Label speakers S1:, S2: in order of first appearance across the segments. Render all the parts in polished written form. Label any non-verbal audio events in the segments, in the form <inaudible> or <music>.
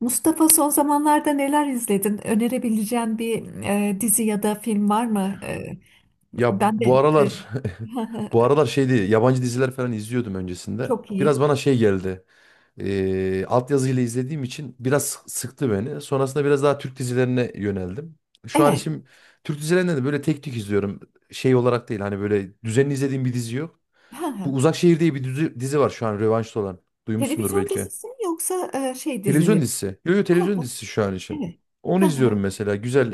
S1: Mustafa, son zamanlarda neler izledin? Önerebileceğin bir dizi ya da film var mı?
S2: Ya
S1: Ben de
S2: bu aralar
S1: e,
S2: <laughs> bu
S1: <laughs>
S2: aralar şeydi yabancı diziler falan izliyordum öncesinde.
S1: çok iyi.
S2: Biraz bana şey geldi. Altyazıyla izlediğim için biraz sıktı beni. Sonrasında biraz daha Türk dizilerine yöneldim. Şu an
S1: Evet.
S2: için Türk dizilerinde de böyle tek tük izliyorum. Şey olarak değil hani böyle düzenli izlediğim bir dizi yok. Bu
S1: <laughs>
S2: Uzak Şehir diye bir dizi var şu an revanşta olan. Duymuşsundur
S1: Televizyon
S2: belki.
S1: dizisi mi yoksa şey
S2: Televizyon
S1: dizileri?
S2: dizisi. Yo yo, televizyon
S1: <laughs>
S2: dizisi şu an için.
S1: Evet.
S2: Onu izliyorum
S1: <laughs>
S2: mesela. Güzel.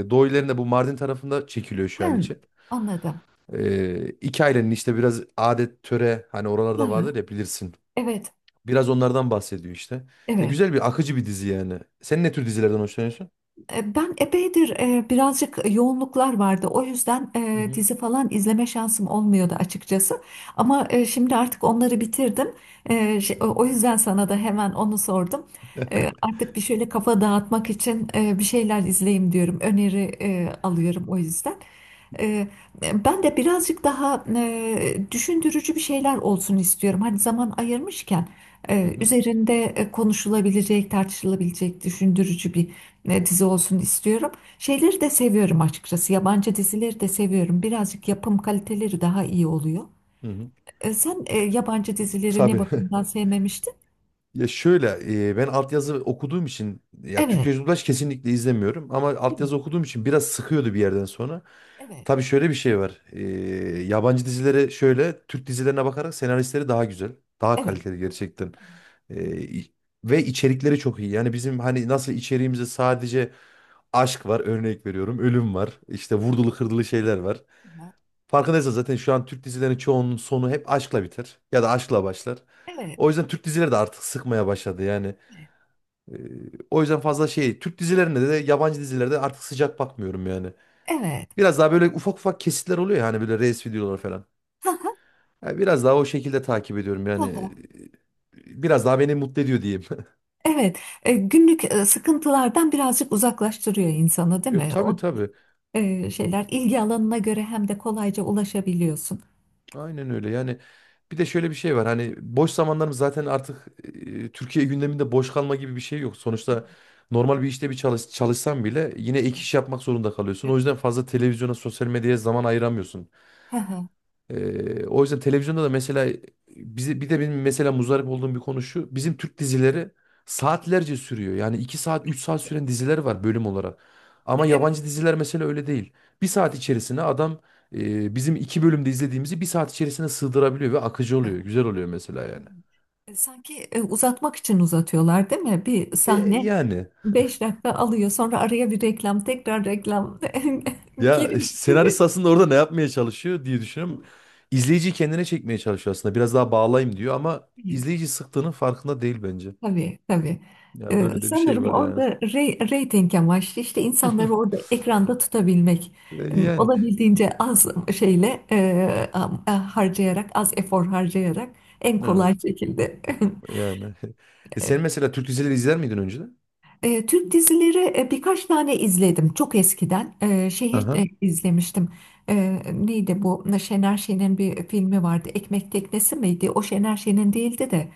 S2: Doğu ilerinde bu Mardin tarafında çekiliyor şu an
S1: Hı,
S2: için.
S1: anladım.
S2: İki ailenin işte biraz adet töre hani oralarda vardır ya
S1: <laughs>
S2: bilirsin.
S1: Evet.
S2: Biraz onlardan bahsediyor işte.
S1: Evet.
S2: Güzel bir akıcı bir dizi yani. Sen ne tür dizilerden hoşlanıyorsun?
S1: Ben epeydir birazcık yoğunluklar vardı. O yüzden
S2: Hı hı.
S1: dizi falan izleme şansım olmuyordu açıkçası. Ama şimdi artık onları bitirdim. E, ş- o
S2: Hı hı.
S1: o yüzden sana da hemen onu sordum.
S2: <laughs>
S1: Artık bir şöyle kafa dağıtmak için bir şeyler izleyeyim diyorum. Öneri alıyorum o yüzden. Ee, Ben de birazcık daha düşündürücü bir şeyler olsun istiyorum. Hani zaman ayırmışken
S2: Hı hı.
S1: üzerinde konuşulabilecek, tartışılabilecek, düşündürücü bir dizi olsun istiyorum. Şeyleri de seviyorum açıkçası. Yabancı dizileri de seviyorum. Birazcık yapım kaliteleri daha iyi oluyor.
S2: Hı hı.
S1: Sen yabancı dizileri ne
S2: Tabii. <laughs>
S1: bakımdan sevmemiştin?
S2: Ya şöyle ben altyazı okuduğum için ya
S1: Evet.
S2: Türkçe dublaj kesinlikle izlemiyorum ama
S1: Evet.
S2: altyazı okuduğum için biraz sıkıyordu bir yerden sonra.
S1: Evet.
S2: Tabii şöyle bir şey var. Yabancı dizilere şöyle Türk dizilerine bakarak senaristleri daha güzel, daha
S1: Evet.
S2: kaliteli gerçekten. E, i- Ve içerikleri çok iyi. Yani bizim hani nasıl içeriğimizde sadece aşk var örnek veriyorum, ölüm var, işte vurdulu kırdılı şeyler var. Farkındaysan zaten şu an Türk dizilerinin çoğunun sonu hep aşkla biter ya da aşkla başlar.
S1: Evet.
S2: O yüzden Türk dizileri de artık sıkmaya başladı yani. Ee, O yüzden fazla şey Türk dizilerinde de yabancı dizilerde artık sıcak bakmıyorum yani.
S1: Evet.
S2: Biraz daha böyle ufak ufak kesitler oluyor ya hani böyle reels videoları falan. Yani biraz daha o şekilde takip ediyorum yani.
S1: Evet. <laughs>
S2: Biraz daha beni mutlu ediyor diyeyim. <laughs>
S1: Evet, günlük sıkıntılardan birazcık uzaklaştırıyor insanı, değil mi?
S2: Tabii
S1: O
S2: tabii.
S1: şeyler ilgi alanına göre hem de kolayca ulaşabiliyorsun.
S2: Aynen öyle. Yani bir de şöyle bir şey var. Hani boş zamanlarımız zaten artık Türkiye gündeminde boş kalma gibi bir şey yok. Sonuçta normal bir işte bir çalışsan bile yine ek iş yapmak zorunda kalıyorsun. O yüzden fazla televizyona, sosyal medyaya zaman ayıramıyorsun.
S1: Hı hı.
S2: O yüzden televizyonda da mesela bizi bir de benim mesela muzdarip olduğum bir konu şu. Bizim Türk dizileri saatlerce sürüyor. Yani 2 saat 3 saat süren diziler var bölüm olarak. Ama
S1: Evet.
S2: yabancı diziler mesela öyle değil. Bir
S1: Hı hı,
S2: saat içerisine adam bizim iki bölümde izlediğimizi bir saat içerisine sığdırabiliyor ve akıcı
S1: hı
S2: oluyor.
S1: hı.
S2: Güzel oluyor mesela
S1: Evet.
S2: yani.
S1: Sanki uzatmak için uzatıyorlar, değil mi? Bir
S2: E,
S1: sahne
S2: yani
S1: 5 dakika alıyor, sonra araya bir reklam, tekrar reklam <laughs>
S2: ya işte
S1: girmiş
S2: senarist
S1: gibi.
S2: aslında orada ne yapmaya çalışıyor diye düşünüyorum. İzleyici kendine çekmeye çalışıyor aslında. Biraz daha bağlayayım diyor ama izleyici sıktığının farkında değil bence.
S1: Tabii tabii.
S2: Ya böyle de bir şey
S1: Sanırım
S2: var yani.
S1: orada reyting amaçlı işte insanları orada
S2: <laughs>
S1: ekranda tutabilmek.
S2: E, Yani
S1: Olabildiğince az şeyle harcayarak, az efor harcayarak en kolay
S2: evet
S1: şekilde.
S2: yani. <laughs> E sen
S1: <laughs>
S2: mesela Türk dizileri izler miydin önceden?
S1: Türk dizileri birkaç tane izledim çok eskiden. Şeyi
S2: Aha.
S1: izlemiştim. Neydi bu? Şener Şen'in bir filmi vardı. Ekmek Teknesi miydi? O Şener Şen'in değildi de.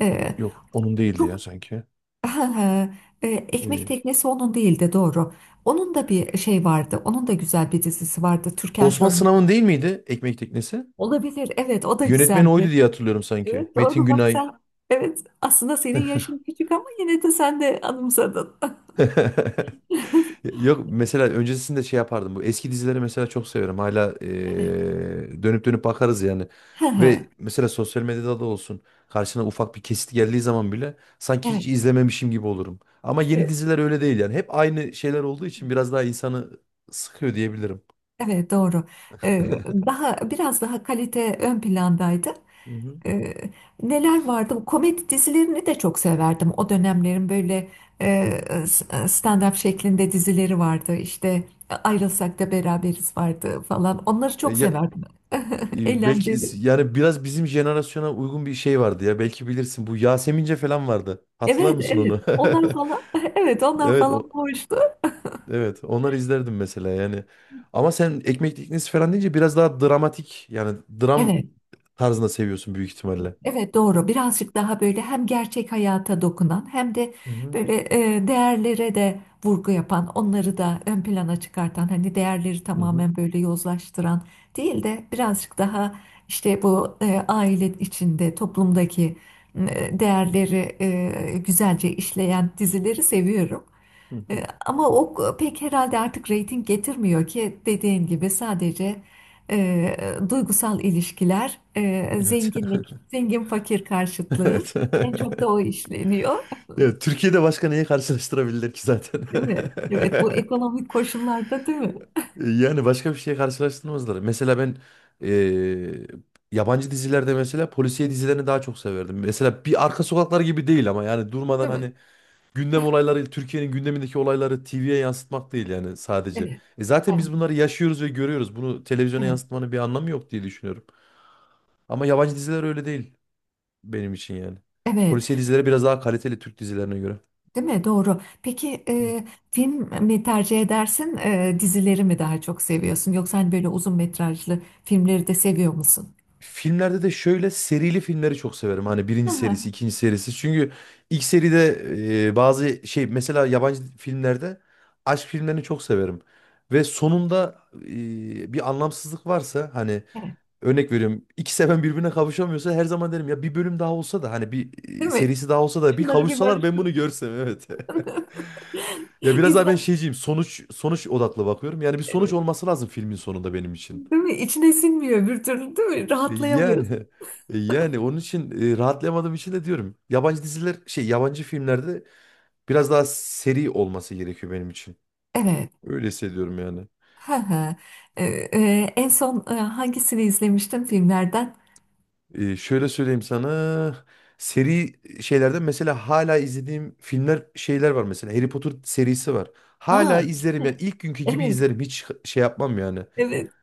S1: E,
S2: Yok onun değildi ya
S1: çok
S2: sanki.
S1: Ha, ha, e, Ekmek
S2: İyi.
S1: Teknesi onun değildi, doğru. Onun da bir şey vardı. Onun da güzel bir dizisi vardı. Türkan
S2: Osman
S1: Şoray.
S2: Sınav'ın değil miydi Ekmek Teknesi?
S1: Olabilir. Evet, o da
S2: Yönetmeni
S1: güzeldi.
S2: oydu diye hatırlıyorum sanki.
S1: Evet,
S2: Metin
S1: doğru bak
S2: Günay.
S1: sen. Evet, aslında senin yaşın küçük ama yine de sen de anımsadın.
S2: <laughs>
S1: <laughs>
S2: Yok mesela öncesinde şey yapardım. Bu eski dizileri mesela çok seviyorum. Hala
S1: Evet.
S2: dönüp dönüp bakarız yani.
S1: Ha ha.
S2: Ve mesela sosyal medyada da olsun karşına ufak bir kesit geldiği zaman bile sanki
S1: Evet.
S2: hiç izlememişim gibi olurum. Ama yeni
S1: Evet.
S2: diziler öyle değil yani. Hep aynı şeyler olduğu için biraz daha insanı sıkıyor diyebilirim.
S1: Evet, doğru. Daha biraz daha kalite ön plandaydı.
S2: Hı hı.
S1: Ee, Neler vardı? Komedi dizilerini de çok severdim. O dönemlerin böyle e, stand-up şeklinde dizileri vardı. İşte Ayrılsak da Beraberiz vardı falan. Onları
S2: E,
S1: çok
S2: ya
S1: severdim. <laughs>
S2: Belki is-
S1: Eğlenceli.
S2: yani biraz bizim jenerasyona uygun bir şey vardı ya. Belki bilirsin bu Yasemince falan vardı. Hatırlar
S1: Evet,
S2: mısın
S1: evet.
S2: onu?
S1: Onlar falan. <laughs> Evet,
S2: <laughs>
S1: onlar
S2: Evet o.
S1: falan hoştu.
S2: Evet, onları izlerdim mesela yani. Ama sen Ekmek Teknesi falan deyince biraz daha dramatik yani dram
S1: Evet.
S2: tarzında seviyorsun büyük ihtimalle.
S1: Evet doğru. Birazcık daha böyle hem gerçek hayata dokunan hem de
S2: Hı hı,
S1: böyle değerlere de vurgu yapan, onları da ön plana çıkartan, hani değerleri
S2: hı hı,
S1: tamamen böyle yozlaştıran değil de birazcık daha işte bu aile içinde, toplumdaki değerleri güzelce işleyen dizileri seviyorum.
S2: hı hı.
S1: Ama o pek herhalde artık reyting getirmiyor ki, dediğin gibi sadece e, duygusal ilişkiler,
S2: Evet.
S1: zenginlik, zengin fakir
S2: <laughs>
S1: karşıtlığı
S2: Evet.
S1: en çok da
S2: <laughs>
S1: o işleniyor,
S2: Ya, Türkiye'de başka neyi karşılaştırabilirler ki zaten?
S1: değil mi? Evet, bu
S2: <laughs>
S1: ekonomik koşullarda, değil mi?
S2: Yani başka bir şeye karşılaştırmazlar. Mesela ben eee, yabancı dizilerde mesela polisiye dizilerini daha çok severdim. Mesela bir Arka Sokaklar gibi değil ama yani durmadan
S1: Değil mi?
S2: hani gündem olayları, Türkiye'nin gündemindeki olayları TV'ye yansıtmak değil yani sadece.
S1: Evet.
S2: E zaten
S1: Ha,
S2: biz bunları yaşıyoruz ve görüyoruz. Bunu televizyona
S1: evet,
S2: yansıtmanın bir anlamı yok diye düşünüyorum. Ama yabancı diziler öyle değil benim için yani.
S1: evet,
S2: Polisiye dizileri biraz daha kaliteli Türk dizilerine göre.
S1: değil mi? Doğru. Peki film mi tercih edersin, dizileri mi daha çok seviyorsun? Yoksa hani böyle uzun metrajlı filmleri de seviyor musun?
S2: Filmlerde de şöyle serili filmleri çok severim. Hani birinci serisi,
S1: Aha,
S2: ikinci serisi. Çünkü ilk seride bazı şey mesela yabancı filmlerde aşk filmlerini çok severim. Ve sonunda bir anlamsızlık varsa hani
S1: evet.
S2: örnek veriyorum. İki seven birbirine kavuşamıyorsa her zaman derim ya bir bölüm daha olsa da hani bir
S1: Değil mi?
S2: serisi daha olsa da bir
S1: Şunları bir
S2: kavuşsalar ben bunu
S1: barıştıralım.
S2: görsem evet. <laughs>
S1: <laughs>
S2: Ya biraz daha ben
S1: İnsan
S2: şeyciyim. Sonuç odaklı bakıyorum. Yani bir sonuç
S1: evet,
S2: olması lazım filmin sonunda benim için.
S1: değil mi? İçine sinmiyor bir türlü, değil mi?
S2: E, Yani
S1: Rahatlayamıyorsun.
S2: yani onun için rahatlayamadığım için de diyorum. Yabancı diziler şey yabancı filmlerde biraz daha seri olması gerekiyor benim için.
S1: Evet.
S2: Öyle hissediyorum yani.
S1: Hı hı. En son hangisini izlemiştim filmlerden?
S2: Şöyle söyleyeyim sana. Seri şeylerden mesela hala izlediğim filmler şeyler var mesela. Harry Potter serisi var.
S1: Aa,
S2: Hala izlerim yani ilk günkü gibi
S1: evet.
S2: izlerim. Hiç şey yapmam yani.
S1: Evet.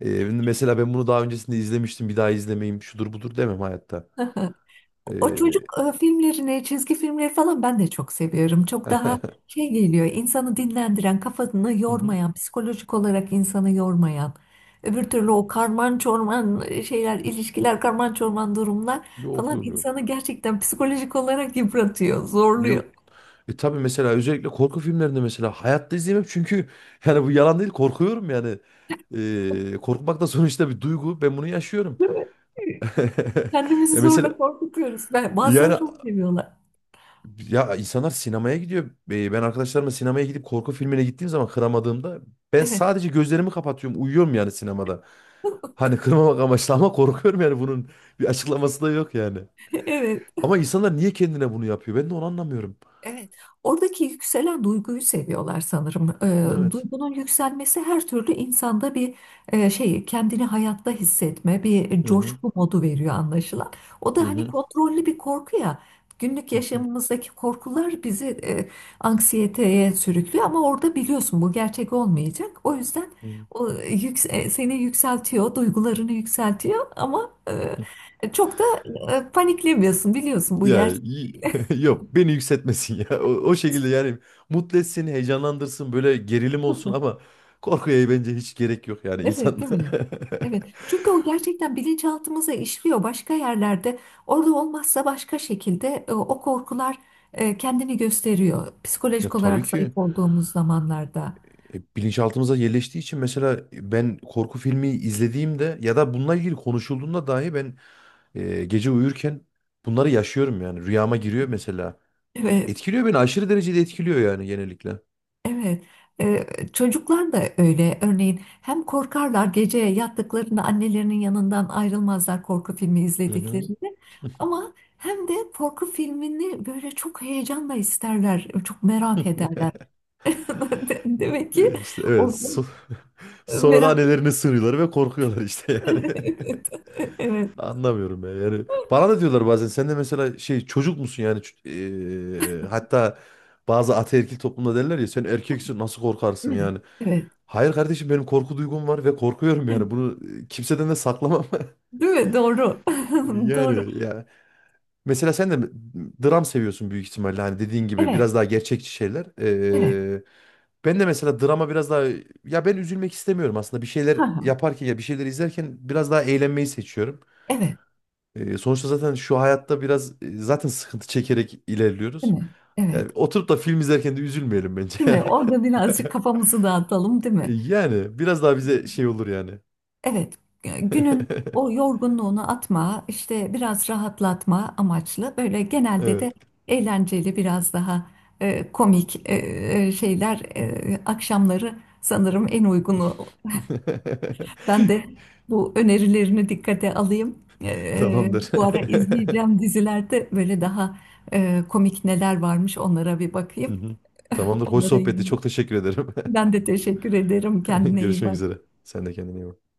S2: Mesela ben bunu daha öncesinde izlemiştim. Bir daha izlemeyeyim. Şudur budur demem hayatta.
S1: <laughs> O çocuk
S2: Ee,
S1: filmlerini, çizgi filmleri falan ben de çok seviyorum. Çok daha
S2: <laughs>
S1: şey geliyor, insanı dinlendiren, kafasını
S2: hı hı.
S1: yormayan, psikolojik olarak insanı yormayan. Öbür türlü o karman çorman şeyler, ilişkiler, karman çorman durumlar
S2: Yok
S1: falan
S2: yok yok.
S1: insanı gerçekten psikolojik olarak yıpratıyor, zorluyor.
S2: Yok. E tabii mesela özellikle korku filmlerinde mesela hayatta izleyemem çünkü <laughs> yani bu yalan değil korkuyorum yani. Korkmak da sonuçta bir duygu. Ben bunu yaşıyorum.
S1: Değil mi?
S2: <laughs>
S1: Kendimizi
S2: E
S1: zorla
S2: mesela
S1: korkutuyoruz. Ben, bazıları
S2: Yani
S1: çok seviyorlar.
S2: ya insanlar sinemaya gidiyor. Ben arkadaşlarımla sinemaya gidip korku filmine gittiğim zaman kıramadığımda ben
S1: Evet,
S2: sadece gözlerimi kapatıyorum. Uyuyorum yani sinemada.
S1: <laughs>
S2: Hani kırmamak amaçlı ama korkuyorum yani bunun bir açıklaması da yok yani.
S1: evet.
S2: Ama insanlar niye kendine bunu yapıyor? Ben de onu anlamıyorum.
S1: Evet, oradaki yükselen duyguyu seviyorlar sanırım.
S2: Evet.
S1: Duygunun yükselmesi her türlü insanda bir şey, kendini hayatta hissetme, bir
S2: Hı hı.
S1: coşku modu veriyor anlaşılan. O
S2: Hı
S1: da hani
S2: hı.
S1: kontrollü bir korku ya. Günlük
S2: Hı hı.
S1: yaşamımızdaki korkular bizi anksiyeteye sürüklüyor ama orada biliyorsun bu gerçek olmayacak. O yüzden
S2: Hı
S1: seni yükseltiyor, duygularını yükseltiyor ama
S2: hı.
S1: çok da paniklemiyorsun, biliyorsun bu
S2: Ya
S1: gerçek.
S2: iyi. <laughs> yok beni yükseltmesin ya. O şekilde yani mutlu etsin, heyecanlandırsın, böyle gerilim olsun
S1: <laughs>
S2: ama korkuya bence hiç gerek yok yani
S1: Evet,
S2: insan.
S1: değil mi? Evet.
S2: <laughs>
S1: Çünkü o gerçekten bilinçaltımıza işliyor başka yerlerde. Orada olmazsa başka şekilde o korkular kendini gösteriyor. Psikolojik
S2: Ya tabii
S1: olarak zayıf
S2: ki
S1: olduğumuz zamanlarda.
S2: bilinçaltımıza yerleştiği için mesela ben korku filmi izlediğimde ya da bununla ilgili konuşulduğunda dahi ben gece uyurken bunları yaşıyorum yani rüyama giriyor mesela.
S1: Evet,
S2: Etkiliyor beni aşırı derecede etkiliyor yani genellikle.
S1: evet. Ee, Çocuklar da öyle. Örneğin hem korkarlar gece yattıklarında, annelerinin yanından ayrılmazlar korku filmi
S2: Hı hı.
S1: izlediklerinde. Ama hem de korku filmini böyle çok heyecanla isterler, çok merak
S2: <laughs>
S1: ederler. <laughs> Demek ki
S2: E, İşte evet
S1: orada
S2: so- <laughs> sonra da
S1: merak.
S2: annelerine sığınıyorlar ve korkuyorlar işte yani. <laughs>
S1: <laughs> Evet.
S2: Anlamıyorum ya. Yani bana da diyorlar bazen sen de mesela şey çocuk musun yani hatta bazı ataerkil toplumda derler ya sen erkeksin nasıl korkarsın
S1: Evet.
S2: yani.
S1: Evet.
S2: Hayır kardeşim benim korku duygum var ve korkuyorum yani bunu kimseden de saklamam. <laughs>
S1: Değil mi? Doğru. <laughs> Doğru.
S2: Yani ya mesela sen de dram seviyorsun büyük ihtimalle hani dediğin gibi
S1: Evet.
S2: biraz daha gerçekçi şeyler.
S1: Evet.
S2: Ben de mesela drama biraz daha ya ben üzülmek istemiyorum aslında bir
S1: Ha,
S2: şeyler
S1: ha.
S2: yaparken ya bir şeyler izlerken biraz daha eğlenmeyi seçiyorum.
S1: Evet.
S2: Sonuçta zaten şu hayatta biraz zaten sıkıntı çekerek
S1: Değil
S2: ilerliyoruz.
S1: mi? Evet.
S2: Yani oturup da film izlerken de üzülmeyelim bence.
S1: Değil
S2: <laughs>
S1: mi? Orada birazcık kafamızı dağıtalım, değil mi?
S2: Yani biraz daha bize şey olur yani.
S1: Evet. Günün o
S2: <laughs>
S1: yorgunluğunu atma, işte biraz rahatlatma amaçlı, böyle genelde de
S2: Evet.
S1: eğlenceli, biraz daha komik şeyler akşamları sanırım en uygunu. Ben de bu önerilerini dikkate alayım.
S2: <laughs> Tamamdır.
S1: Bu ara
S2: <laughs>
S1: izleyeceğim dizilerde böyle daha komik neler varmış, onlara bir
S2: Hı
S1: bakayım.
S2: hı.
S1: <laughs>
S2: Tamamdır. Hoş
S1: Onlara
S2: sohbetti.
S1: yönelik.
S2: Çok teşekkür ederim.
S1: Ben de teşekkür ederim.
S2: <laughs>
S1: Kendine iyi
S2: Görüşmek üzere.
S1: bak.
S2: Sen de kendine iyi bak.